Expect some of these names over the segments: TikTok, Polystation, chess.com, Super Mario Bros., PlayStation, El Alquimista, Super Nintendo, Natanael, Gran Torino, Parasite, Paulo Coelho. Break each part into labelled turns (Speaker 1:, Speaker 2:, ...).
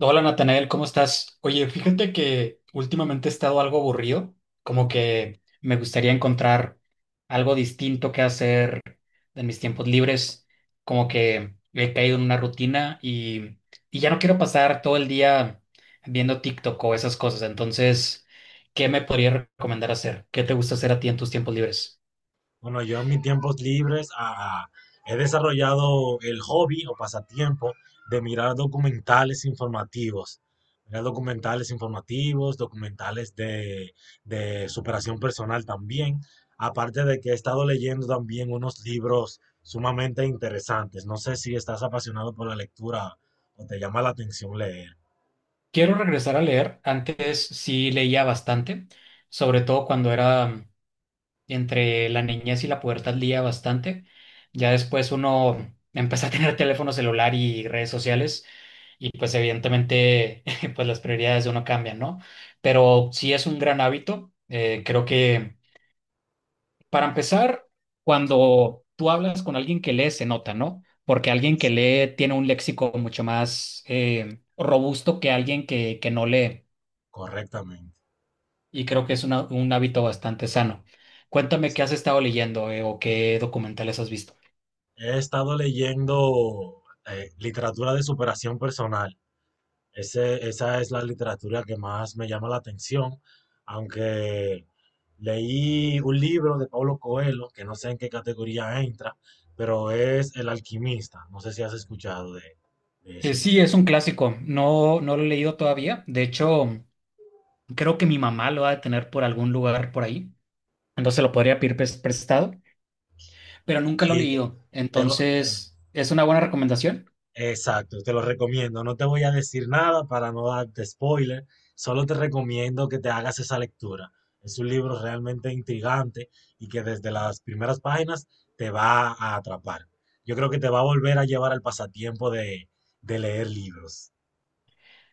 Speaker 1: Hola Natanael, ¿cómo estás? Oye, fíjate que últimamente he estado algo aburrido, como que me gustaría encontrar algo distinto que hacer en mis tiempos libres, como que he caído en una rutina y ya no quiero pasar todo el día viendo TikTok o esas cosas, entonces, ¿qué me podría recomendar hacer? ¿Qué te gusta hacer a ti en tus tiempos libres?
Speaker 2: Bueno, yo en mis tiempos libres he desarrollado el hobby o pasatiempo de mirar documentales informativos. Mirar documentales informativos, documentales de superación personal también. Aparte de que he estado leyendo también unos libros sumamente interesantes. No sé si estás apasionado por la lectura o te llama la atención leer.
Speaker 1: Quiero regresar a leer, antes sí leía bastante, sobre todo cuando era entre la niñez y la pubertad lía bastante. Ya después uno empezó a tener teléfono celular y redes sociales y pues evidentemente pues las prioridades de uno cambian, ¿no? Pero sí es un gran hábito. Creo que para empezar, cuando tú hablas con alguien que lee, se nota, ¿no? Porque
Speaker 2: Sí,
Speaker 1: alguien que
Speaker 2: sí.
Speaker 1: lee tiene un léxico mucho más robusto que alguien que no lee.
Speaker 2: Correctamente.
Speaker 1: Y creo que es una- un hábito bastante sano. Cuéntame qué has estado leyendo o qué documentales has visto.
Speaker 2: He estado leyendo literatura de superación personal. Esa es la literatura que más me llama la atención, aunque leí un libro de Paulo Coelho, que no sé en qué categoría entra, pero es El Alquimista. No sé si has escuchado de ese libro.
Speaker 1: Sí, es un clásico. No, no lo he leído todavía. De hecho, creo que mi mamá lo ha de tener por algún lugar por ahí. Entonces lo podría pedir prestado, pero nunca lo he
Speaker 2: Sí, te,
Speaker 1: leído.
Speaker 2: te lo, te-
Speaker 1: Entonces, ¿es una buena recomendación?
Speaker 2: Exacto, te lo recomiendo. No te voy a decir nada para no darte spoiler, solo te recomiendo que te hagas esa lectura. Es un libro realmente intrigante y que desde las primeras páginas te va a atrapar. Yo creo que te va a volver a llevar al pasatiempo de leer libros.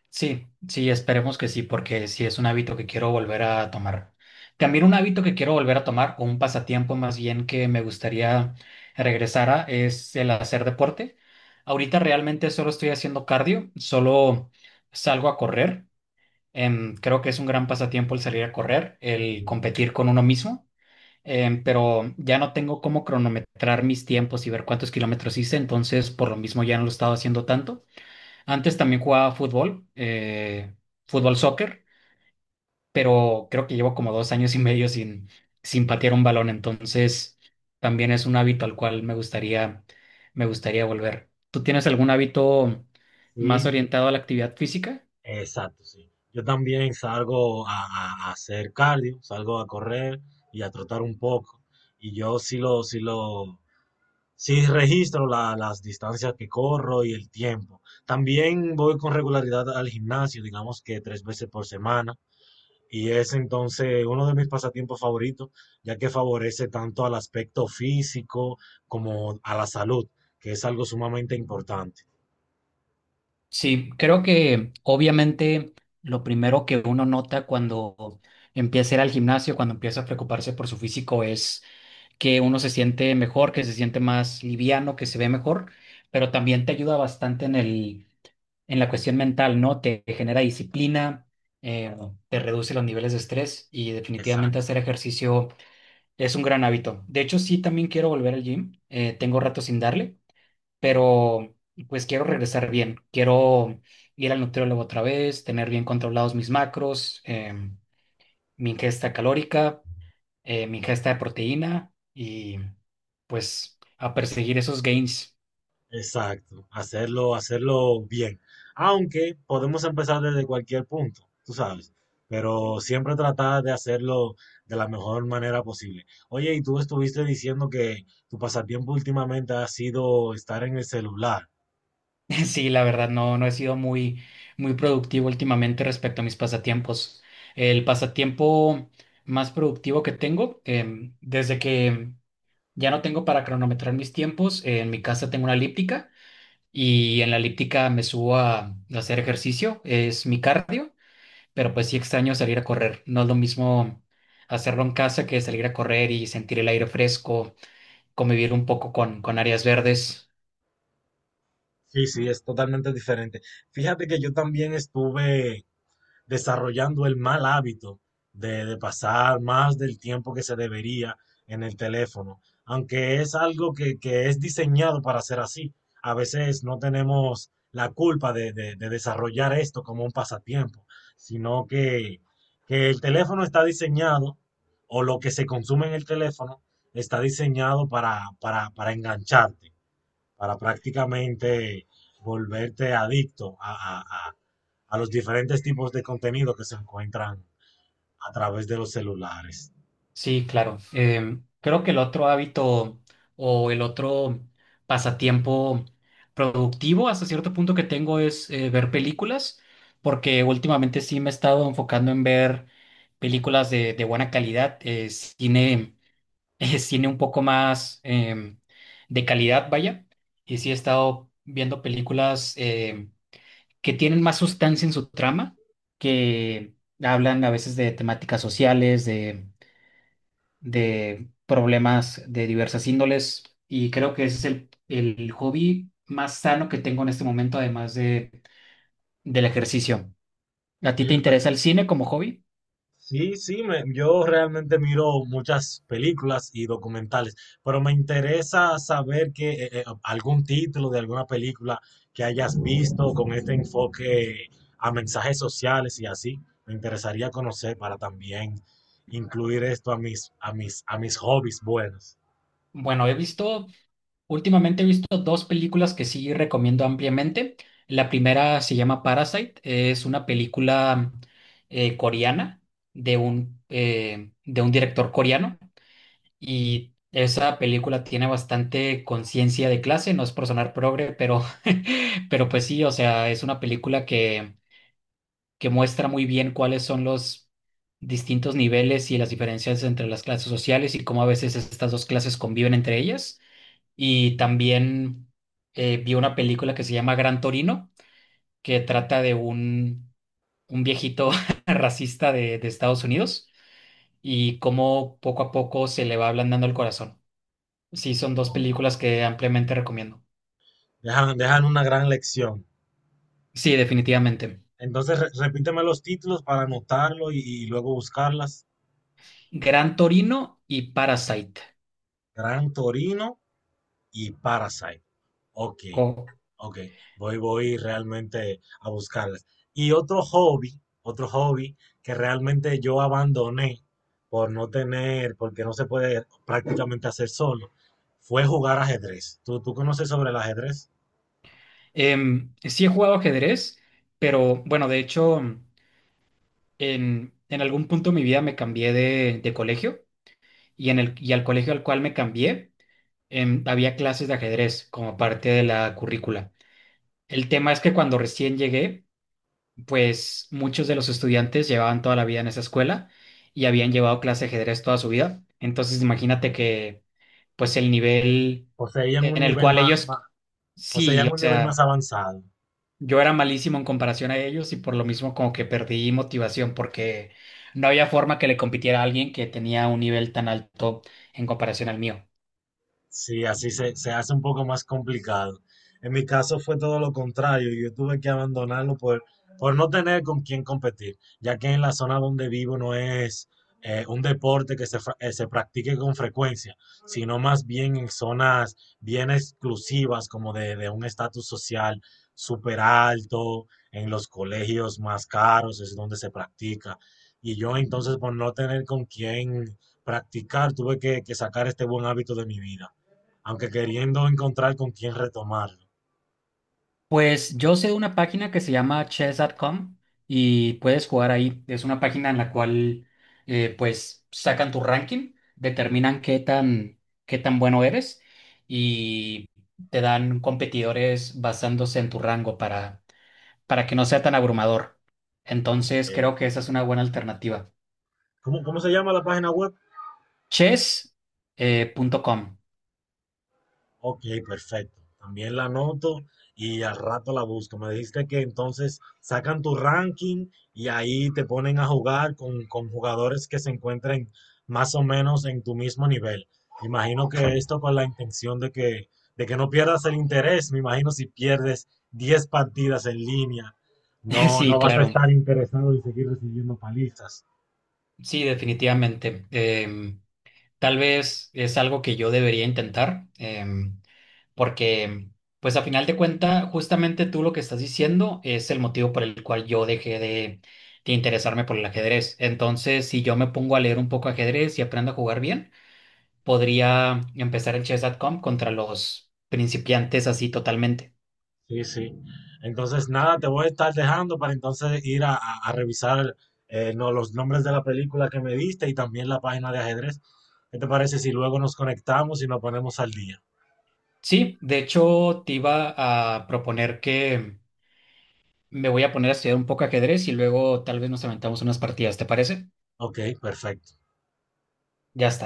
Speaker 1: Sí, sí, esperemos que sí, porque sí es un hábito que quiero volver a tomar. También un hábito que quiero volver a tomar, o un pasatiempo más bien que me gustaría regresar a, es el hacer deporte. Ahorita realmente solo estoy haciendo cardio, solo salgo a correr. Creo que es un gran pasatiempo el salir a correr, el competir con uno mismo, pero ya no tengo cómo cronometrar mis tiempos y ver cuántos kilómetros hice, entonces por lo mismo ya no lo he estado haciendo tanto. Antes también jugaba fútbol, fútbol soccer, pero creo que llevo como 2 años y medio sin patear un balón, entonces también es un hábito al cual me gustaría volver. ¿Tú tienes algún hábito más
Speaker 2: Sí,
Speaker 1: orientado a la actividad física?
Speaker 2: exacto, sí. Yo también salgo a hacer cardio, salgo a correr y a trotar un poco. Y yo sí lo, sí lo, Sí, registro las distancias que corro y el tiempo. También voy con regularidad al gimnasio, digamos que tres veces por semana, y es entonces uno de mis pasatiempos favoritos, ya que favorece tanto al aspecto físico como a la salud, que es algo sumamente importante.
Speaker 1: Sí, creo que obviamente lo primero que uno nota cuando empieza a ir al gimnasio, cuando empieza a preocuparse por su físico, es que uno se siente mejor, que se siente más liviano, que se ve mejor, pero también te ayuda bastante en el, en la cuestión mental, ¿no? Te genera disciplina, eh, te reduce los niveles de estrés y definitivamente
Speaker 2: Exacto.
Speaker 1: hacer ejercicio es un gran hábito. De hecho, sí, también quiero volver al gym. Tengo rato sin darle, pero pues quiero regresar bien. Quiero ir al nutriólogo otra vez, tener bien controlados mis macros, em, mi ingesta calórica mi ingesta de proteína y pues a perseguir esos gains.
Speaker 2: Exacto, hacerlo bien. Aunque podemos empezar desde cualquier punto, tú sabes, pero siempre tratar de hacerlo de la mejor manera posible. Oye, y tú estuviste diciendo que tu pasatiempo últimamente ha sido estar en el celular.
Speaker 1: Sí, la verdad, no, no he sido muy, muy productivo últimamente respecto a mis pasatiempos. El pasatiempo más productivo que tengo, desde que ya no tengo para cronometrar mis tiempos, en mi casa tengo una elíptica y en la elíptica me subo a hacer ejercicio, es mi cardio, pero pues sí extraño salir a correr. No es lo mismo hacerlo en casa que salir a correr y sentir el aire fresco convivir un poco con áreas verdes.
Speaker 2: Sí, sí, es totalmente diferente. Fíjate que yo también estuve desarrollando el mal hábito de pasar más del tiempo que se debería en el teléfono, aunque es algo que es diseñado para ser así. A veces no tenemos la culpa de desarrollar esto como un pasatiempo, sino que, que el teléfono está diseñado, o lo que se consume en el teléfono, está diseñado para engancharte para prácticamente volverte adicto a- a- a los diferentes tipos de contenido que se encuentran a través de los celulares.
Speaker 1: Sí, claro. Creo que el otro hábito o el otro pasatiempo productivo hasta cierto punto que tengo es ver películas, porque últimamente sí me he estado enfocando en ver películas de buena calidad, cine, cine un poco más de calidad, vaya. Y sí he estado viendo películas. Que tienen más sustancia en su trama, que hablan a veces de temáticas sociales, de problemas de diversas índoles, y creo que ese es el hobby más sano que tengo en este momento, además del ejercicio. ¿A ti te
Speaker 2: Oye, pe-
Speaker 1: interesa el cine como hobby?
Speaker 2: sí, sí, yo realmente miro muchas películas y documentales, pero me interesa saber que algún título de alguna película que hayas visto con este enfoque a mensajes sociales y así. Me interesaría conocer para también incluir esto a a mis hobbies buenos.
Speaker 1: Bueno, últimamente he visto dos películas que sí recomiendo ampliamente. La primera se llama Parasite, es una película coreana de un director coreano. Y esa película tiene bastante conciencia de clase, no es por sonar progre, pero, pero pues sí, o sea, es una película que muestra muy bien cuáles son los distintos niveles y las diferencias entre las clases sociales y cómo a veces estas dos clases conviven entre ellas. Y también vi una película que se llama Gran Torino, que trata de un viejito racista de Estados Unidos y cómo poco a poco se le va ablandando el corazón. Sí, son dos
Speaker 2: Oh.
Speaker 1: películas que ampliamente recomiendo.
Speaker 2: Dejan, dejan una gran lección.
Speaker 1: Sí, definitivamente.
Speaker 2: Entonces, repíteme los títulos para anotarlo y luego buscarlas.
Speaker 1: Gran Torino y Parasite.
Speaker 2: Gran Torino y Parasite. Ok,
Speaker 1: Oh.
Speaker 2: ok. Voy, voy realmente a buscarlas. Y otro hobby que realmente yo abandoné por no tener, porque no se puede prácticamente hacer solo, fue jugar ajedrez. ¿ tú conoces sobre el ajedrez?
Speaker 1: Sí he jugado ajedrez, pero bueno, de hecho, en algún punto de mi vida me cambié de colegio y al colegio al cual me cambié, había clases de ajedrez como parte de la currícula. El tema es que cuando recién llegué, pues muchos de los estudiantes llevaban toda la vida en esa escuela y habían llevado clase de ajedrez toda su vida. Entonces imagínate que pues el nivel
Speaker 2: Poseían un
Speaker 1: en el
Speaker 2: nivel
Speaker 1: cual
Speaker 2: más,
Speaker 1: ellos,
Speaker 2: más,
Speaker 1: sí,
Speaker 2: Poseían
Speaker 1: o
Speaker 2: un nivel más
Speaker 1: sea,
Speaker 2: avanzado.
Speaker 1: yo era malísimo en comparación a ellos y por lo mismo como que perdí motivación porque no había forma que le compitiera a alguien que tenía un nivel tan alto en comparación al mío.
Speaker 2: Sí, así se hace un poco más complicado. En mi caso fue todo lo contrario. Yo tuve que abandonarlo por no tener con quién competir, ya que en la zona donde vivo no es un deporte que se practique con frecuencia, sino más bien en zonas bien exclusivas, como de un estatus social súper alto, en los colegios más caros es donde se practica. Y yo entonces por no tener con quién practicar, tuve que sacar este buen hábito de mi vida aunque queriendo encontrar con quién retomarlo.
Speaker 1: Pues yo sé una página que se llama chess.com y puedes jugar ahí. Es una página en la cual pues sacan tu ranking, determinan qué tan bueno eres y te dan competidores basándose en tu rango para que no sea tan abrumador. Entonces
Speaker 2: Ok.
Speaker 1: creo que esa es una buena alternativa.
Speaker 2: ¿Cómo, cómo se llama la página web?
Speaker 1: Chess punto com.
Speaker 2: Ok, perfecto. También la anoto y al rato la busco. Me dijiste que entonces sacan tu ranking y ahí te ponen a jugar con jugadores que se encuentren más o menos en tu mismo nivel. Imagino que esto con la intención de que no pierdas el interés. Me imagino si pierdes 10 partidas en línea, no,
Speaker 1: Sí,
Speaker 2: no vas a
Speaker 1: claro.
Speaker 2: estar interesado en seguir recibiendo palizas.
Speaker 1: Sí, definitivamente. Tal vez es algo que yo debería intentar. Porque pues a final de cuenta, justamente tú lo que estás diciendo es el motivo por el cual yo dejé de interesarme por el ajedrez. Entonces, si yo me pongo a leer un poco ajedrez y aprendo a jugar bien, podría empezar el chess.com contra los principiantes así totalmente.
Speaker 2: Sí, sí. Entonces, nada, te voy a estar dejando para entonces ir a revisar no, los nombres de la película que me diste y también la página de ajedrez. ¿Qué te parece si luego nos conectamos y nos ponemos al día?
Speaker 1: Sí, de hecho te iba a proponer que me voy a poner a estudiar un poco ajedrez y luego tal vez nos aventamos unas partidas, ¿te parece?
Speaker 2: Ok, perfecto.
Speaker 1: Ya está.